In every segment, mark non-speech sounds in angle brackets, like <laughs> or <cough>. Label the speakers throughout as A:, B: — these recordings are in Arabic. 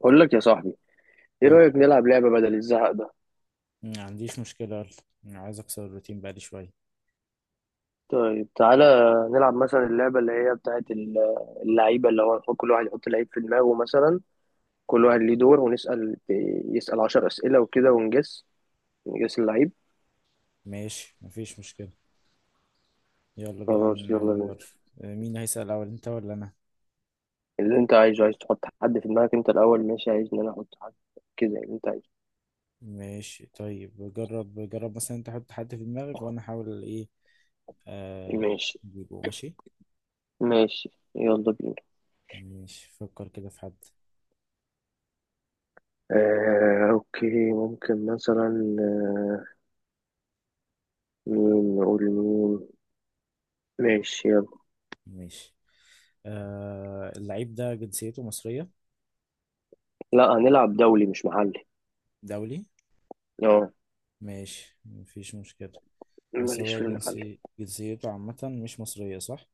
A: بقول لك يا صاحبي، ايه
B: مم.
A: رأيك نلعب لعبة بدل الزهق ده؟
B: ما عنديش مشكلة. يلا أنا عايز أكسر الروتين بقالي شوية.
A: طيب تعالى نلعب مثلا اللعبة اللي هي اللعيبة اللي هو كل واحد يحط لعيب في دماغه مثلا. كل واحد ليه دور، ونسأل، يسأل عشر أسئلة وكده ونجس. نجس اللعيب.
B: ماشي مفيش مشكلة، يلا بينا
A: خلاص يلا
B: نجرب.
A: بينا.
B: مين هيسأل أول، أنت ولا أنا؟
A: اللي انت عايزه، عايز تحط حد في دماغك انت الأول؟ ماشي، عايز ان انا احط حد كده اللي انت عايزه.
B: ماشي طيب، جرب مثلا، أنت حط حد في دماغك وأنا أحاول إيه. آه
A: ماشي
B: أجيبه. ماشي
A: ماشي يلا بينا.
B: ماشي، فكر كده في حد.
A: اوكي، ممكن مثلا، مين نقول مين؟ ماشي يلا.
B: ماشي، اللعيب ده جنسيته مصرية؟
A: لا، هنلعب دولي مش محلي.
B: دولي،
A: اه،
B: ماشي مفيش مشكلة. بس
A: ماليش
B: هو
A: في المحل.
B: جنسي جنسيته عامة، مش مصرية صح؟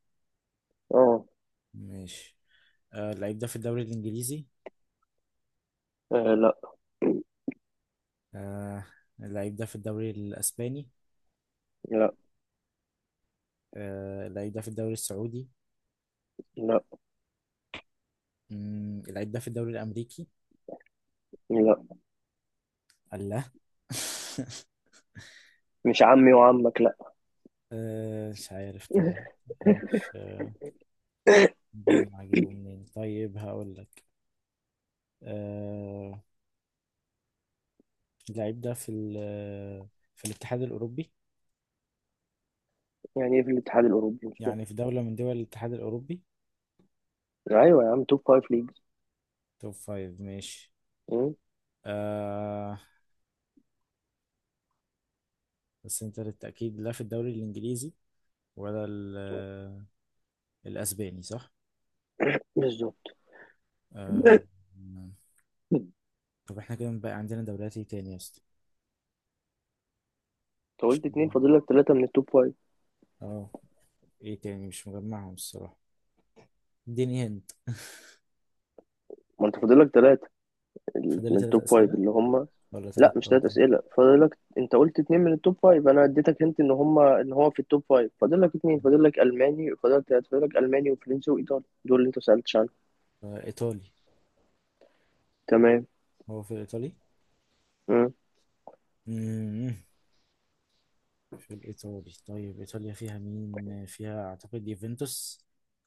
A: اه.
B: ماشي. اللعيب ده في الدوري الإنجليزي؟
A: لا.
B: آه اللعيب ده في الدوري الأسباني؟
A: لا.
B: اللعيب ده في الدوري السعودي؟
A: لا.
B: اللعيب ده في الدوري الأمريكي؟
A: لا،
B: الله. <laughs>
A: مش عمي وعمك. لا.
B: مش عارف طيب. مش
A: <coughs>
B: مجمع أجيبه منين. طيب هقول لك، آه اللعيب ده في ال آه، في الاتحاد الأوروبي.
A: يعني ايه في الاتحاد الاوروبي؟ مش فاهم.
B: يعني في دولة من دول الاتحاد الأوروبي.
A: ايوه يا عم، توب فايف ليجز.
B: توب فايف ماشي.
A: مم،
B: آه، بس أنت للتأكيد، لا في الدوري الإنجليزي ولا الأسباني صح؟
A: بالظبط. <coughs>
B: آه.
A: انت
B: طب احنا كده بقى عندنا دوريات ايه تاني يا اسطى؟ مش
A: قلت اتنين، فاضل لك ثلاثة من التوب فايف.
B: اه، ايه تاني، مش مجمعهم الصراحة. اديني هند. <laughs>
A: ما انت فاضل لك ثلاثة
B: فاضل لي
A: من
B: تلات
A: التوب فايف
B: أسئلة.
A: اللي هم.
B: ولا
A: لا،
B: تلات،
A: مش
B: اه
A: ثلاث اسئلة
B: تلات
A: فاضل لك، انت قلت اتنين من التوب فايف، انا اديتك انت ان هم ان هو في التوب فايف، فاضل لك اتنين، فاضل لك الماني، فاضل لك ثلاثة، فاضل لك الماني وفرنسي وايطالي، دول اللي انت سألتش عنهم.
B: آه، إيطالي.
A: تمام.
B: هو في الإيطالي؟
A: مم.
B: مم. في الإيطالي طيب. إيطاليا فيها مين؟ فيها أعتقد يوفنتوس.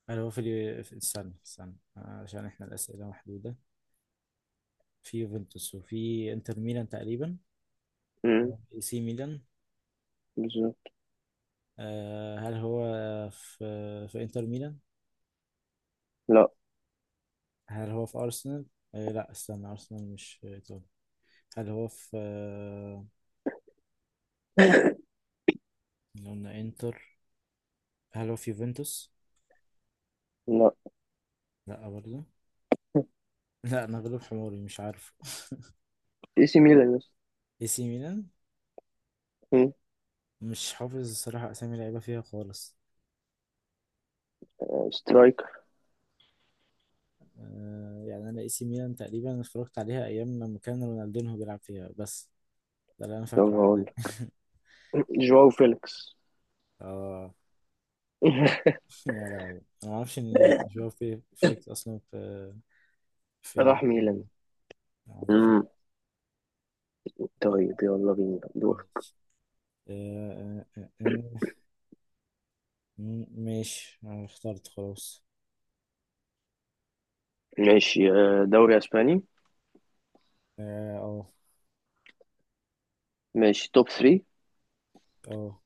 B: هل هو في استنى استنى عشان إحنا الأسئلة محدودة. في يوفنتوس وفي إنتر ميلان تقريبا،
A: مم،
B: وفي سي ميلان.
A: بالظبط.
B: آه، هل هو في إنتر ميلان؟
A: لا.
B: هل هو في أرسنال؟ آه لا استنى، أرسنال مش إيطالي. هل هو في
A: <laughs>
B: اللي قلنا إنتر؟ هل هو في يوفنتوس؟
A: لا.
B: لا برضه. <laughs> لا أنا غلب حماري مش عارفه. <laughs>
A: اي سي ميلان، يس.
B: اي سي ميلان.
A: مم.
B: مش حافظ الصراحة أسامي لعيبة فيها خالص.
A: سترايكر.
B: آه يعني أنا اي سي ميلان تقريبا اتفرجت عليها أيام لما كان رونالدينهو بيلعب فيها بس. ده اللي أنا
A: طب
B: فاكره
A: هقول
B: عنها.
A: لك. جواو فيليكس.
B: <laughs> اه،
A: <laughs>
B: يا لهوي أنا معرفش إن جواو فيليكس أصلا في في الاي
A: راح
B: سي
A: ميلان.
B: ميلان. معرفش.
A: مم. طيب
B: آه،
A: يلا بينا دور.
B: ماشي. آه، آه، آه، آه. ماشي انا اخترت خلاص.
A: ماشي، دوري اسباني.
B: اه.
A: ماشي، توب 3.
B: اه. آه،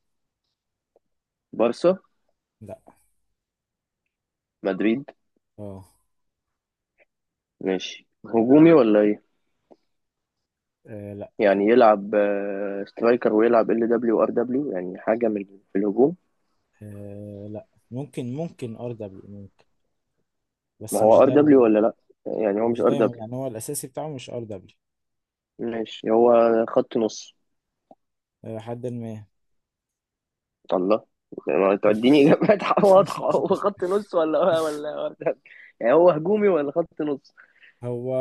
A: بارسا.
B: لا.
A: مدريد.
B: اه.
A: ماشي، هجومي ولا ايه؟
B: آه، لا.
A: يعني يلعب سترايكر، ويلعب ال دبليو ار دبليو، يعني حاجه من في الهجوم.
B: آه، لا ممكن، ممكن ار دبليو ممكن،
A: ما
B: بس مش
A: هو ار
B: دايما.
A: دبليو ولا لا؟ يعني هو مش
B: مش
A: ار
B: دايما،
A: دبليو.
B: يعني هو الاساسي بتاعه مش ار دبليو.
A: ماشي، هو خط نص.
B: حد ما.
A: الله، ما
B: <laughs>
A: توديني اجابات <laughs> واضحه، هو خط نص ولا ولا؟ يعني هو هجومي ولا خط نص؟
B: هو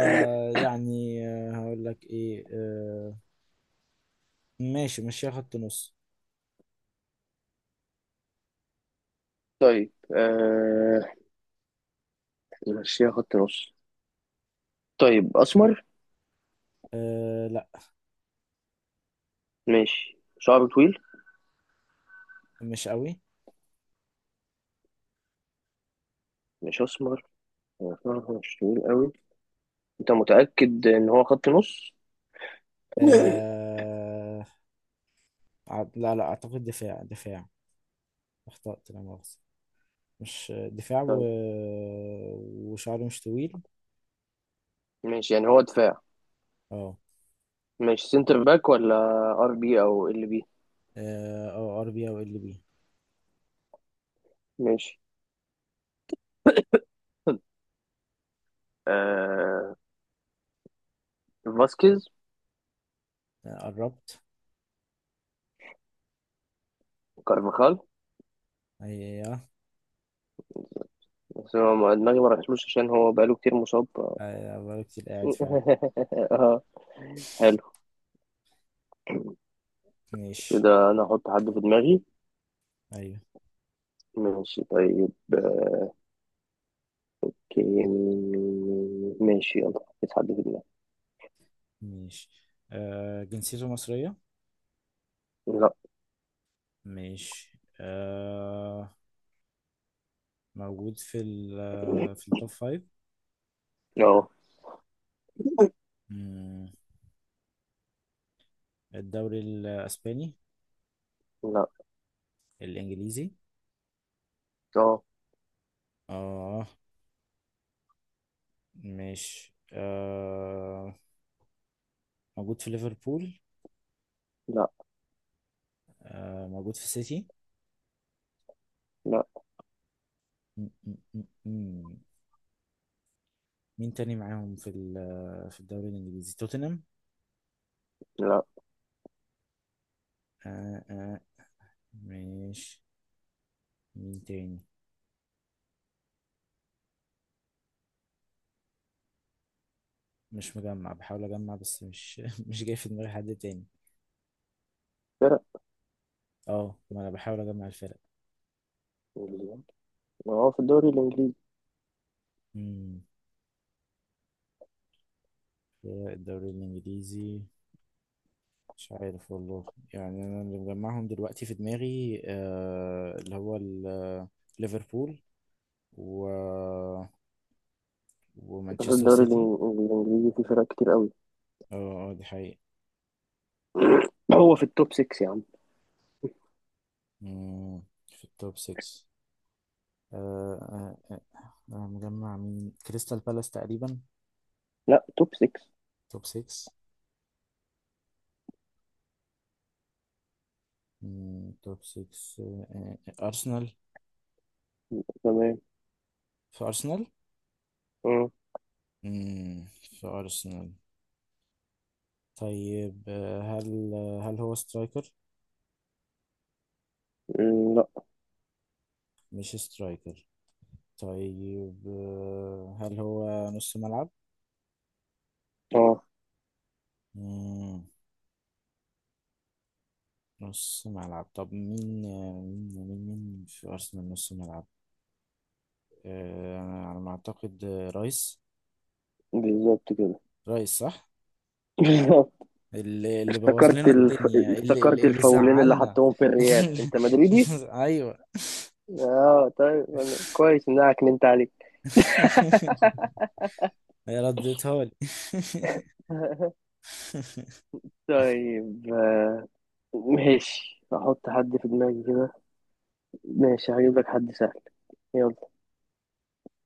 B: يعني هقول لك ايه، ماشي ماشي، خط نص.
A: طيب، آه... نمشيها خط نص. طيب، اسمر؟
B: آه لا،
A: ماشي، شعره طويل؟
B: مش قوي.
A: مش اسمر. هو شعره مش طويل قوي. انت متاكد ان هو خط نص؟ <laughs>
B: آه، لا اعتقد دفاع. اخطأت لا مؤاخذة. مش دفاع
A: طيب،
B: وشعره مش طويل.
A: ماشي، يعني هو دفاع.
B: اه.
A: ماشي، سنتر باك ولا ار بي او ال بي؟
B: اه، أو ار بي او ال بي.
A: ماشي. <laughs> آه... فاسكيز.
B: قربت.
A: كارفاخال.
B: ايوه،
A: بس هو دماغي ما رحتلوش عشان هو بقاله كتير مصاب.
B: ايوه بقالي كتير قاعد فعلا.
A: <laughs> اه، حلو.
B: ماشي.
A: كده انا احط حد في دماغي.
B: ايوه.
A: ماشي طيب. اوكي، مين؟ ماشي يلا، حط حد في دماغي.
B: ماشي، جنسيته مصرية.
A: لا.
B: ماشي. موجود في في التوب فايف.
A: اه.
B: مم. الدوري الأسباني؟
A: لا.
B: الإنجليزي؟
A: اه.
B: اه. ماشي، موجود في ليفربول؟
A: لا.
B: موجود في سيتي؟
A: لا.
B: مين تاني معاهم في في الدوري الانجليزي، توتنهام؟
A: لا.
B: آه آه. ماشي، مين تاني؟ مش مجمع، بحاول اجمع بس مش <laughs> مش جاي في دماغي حد تاني.
A: فرق.
B: اه، ما انا بحاول اجمع الفرق.
A: انجليزي. هو في الدوري الانجليزي.
B: امم فرق الدوري الانجليزي. مش عارف والله. يعني انا اللي مجمعهم دلوقتي في دماغي اللي هو ليفربول، و
A: في
B: ومانشستر
A: الدوري
B: سيتي.
A: الانجليزي في فرق كتير قوي.
B: اه اه دي حقيقة.
A: هو في التوب 6 يا عم.
B: مم، في التوب 6. آه، آه، مجمع مين؟ كريستال بالاس تقريبا.
A: لا، توب 6.
B: توب 6. مم، توب 6، أرسنال.
A: تمام.
B: في أرسنال؟
A: اه.
B: مم، في أرسنال. طيب هل هل هو سترايكر؟
A: أمم، لا.
B: مش سترايكر. طيب هل هو نص ملعب؟
A: اه،
B: مم، نص ملعب. طب مين مين في أرسنال نص ملعب؟ أنا على ما أعتقد رايس.
A: بالظبط كده.
B: رايس صح.
A: <laughs> بالظبط.
B: اللي بوظ
A: افتكرت
B: لنا الدنيا، اللي اللي
A: افتكرت
B: اللي
A: الفاولين اللي
B: زعلنا.
A: حطهم في الريال، انت
B: <laughs>
A: مدريدي.
B: ايوه.
A: اه، طيب، أنا كويس ان انا عكننت عليك.
B: <laughs> هي ردتها لي. <laughs>
A: <laughs> طيب، آه، ماشي، احط حد في دماغي كده. ماشي، هجيب لك حد سهل. يلا.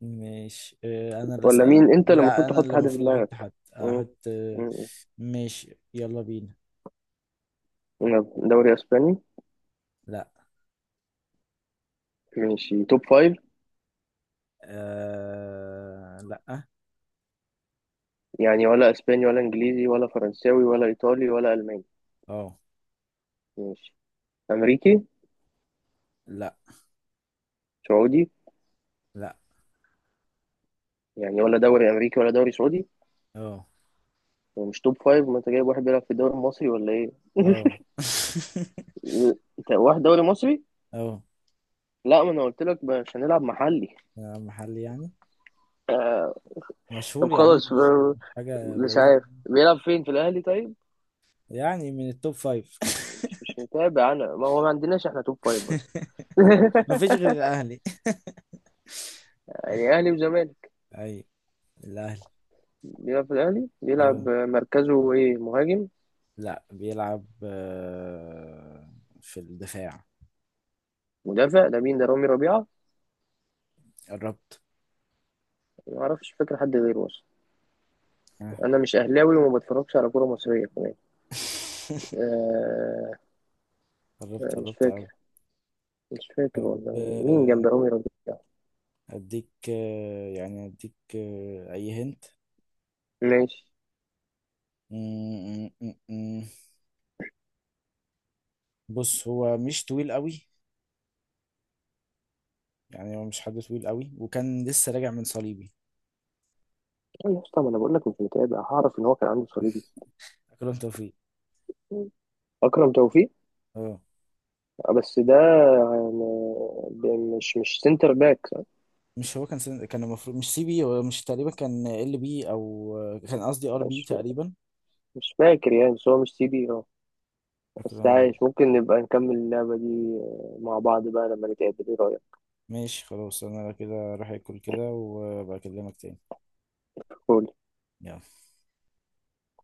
B: ماشي، انا اللي
A: ولا
B: اسال؟
A: مين؟ انت اللي المفروض
B: لا انا
A: تحط
B: اللي
A: حد في
B: المفروض احط
A: دماغك.
B: حد.
A: مم.
B: احط
A: مم.
B: ماشي يلا بينا.
A: يلا، دوري اسباني.
B: لا.
A: ماشي، توب فايف.
B: أه... لا.
A: يعني ولا اسباني ولا انجليزي ولا فرنساوي ولا ايطالي ولا الماني.
B: اه.
A: ماشي. امريكي.
B: لا.
A: سعودي.
B: لا.
A: يعني ولا دوري امريكي ولا دوري سعودي.
B: اه.
A: ومش توب فايف. ما انت جايب واحد بيلعب في الدوري المصري ولا ايه؟
B: اه. <laughs>
A: انت واحد دوري مصري.
B: اه،
A: لا، ما انا قلت لك مش هنلعب محلي.
B: محل يعني
A: آه، طب
B: مشهور يا عم،
A: خلاص،
B: مش حاجة
A: مش
B: بعيد.
A: عارف بيلعب فين، في الاهلي طيب؟
B: يعني من التوب فايف.
A: مش
B: <laughs>
A: مش متابع انا، ما هو ما عندناش احنا توب فايف بس.
B: <laughs>
A: <laughs>
B: مفيش غير الاهلي.
A: يعني اهلي وزمالك؟
B: اي الاهلي.
A: بيلعب في الاهلي،
B: اه.
A: بيلعب مركزه ايه، مهاجم؟
B: لا بيلعب في الدفاع.
A: مدافع، ده مين، ده رامي ربيعه؟
B: قربت.
A: ما اعرفش، فاكر حد غيره اصلا؟
B: آه.
A: انا مش اهلاوي وما بتفرجش على كوره مصريه كمان.
B: <laughs>
A: آه
B: قربت
A: آه، مش
B: قربت
A: فاكر.
B: قوي.
A: مش فاكر
B: طب
A: والله. مين جنب رامي ربيعه؟
B: اديك يعني اديك اي هنت.
A: ماشي.
B: م- م- م- م. بص هو مش طويل قوي. يعني هو مش حد طويل قوي، وكان لسه راجع من صليبي.
A: أيوة يا اسطى، ما انا بقول لك مش متابع، هعرف ان هو كان عنده صليبي؟
B: اكرم توفيق.
A: اكرم توفيق.
B: اه.
A: بس ده يعني مش سنتر باك.
B: مش هو كان كان المفروض مش سي بي، هو مش تقريبا كان ال بي او كان قصدي ار بي
A: مش
B: تقريبا.
A: مش فاكر يعني، بس هو مش سي بي. اه، بس
B: أكرم.
A: عايش، ممكن نبقى نكمل اللعبة دي آه، مع بعض بقى لما نتقابل، ايه رأيك؟
B: ماشي خلاص، أنا كده راح أكل كده وأبقى أكلمك تاني.
A: قول.
B: يلا.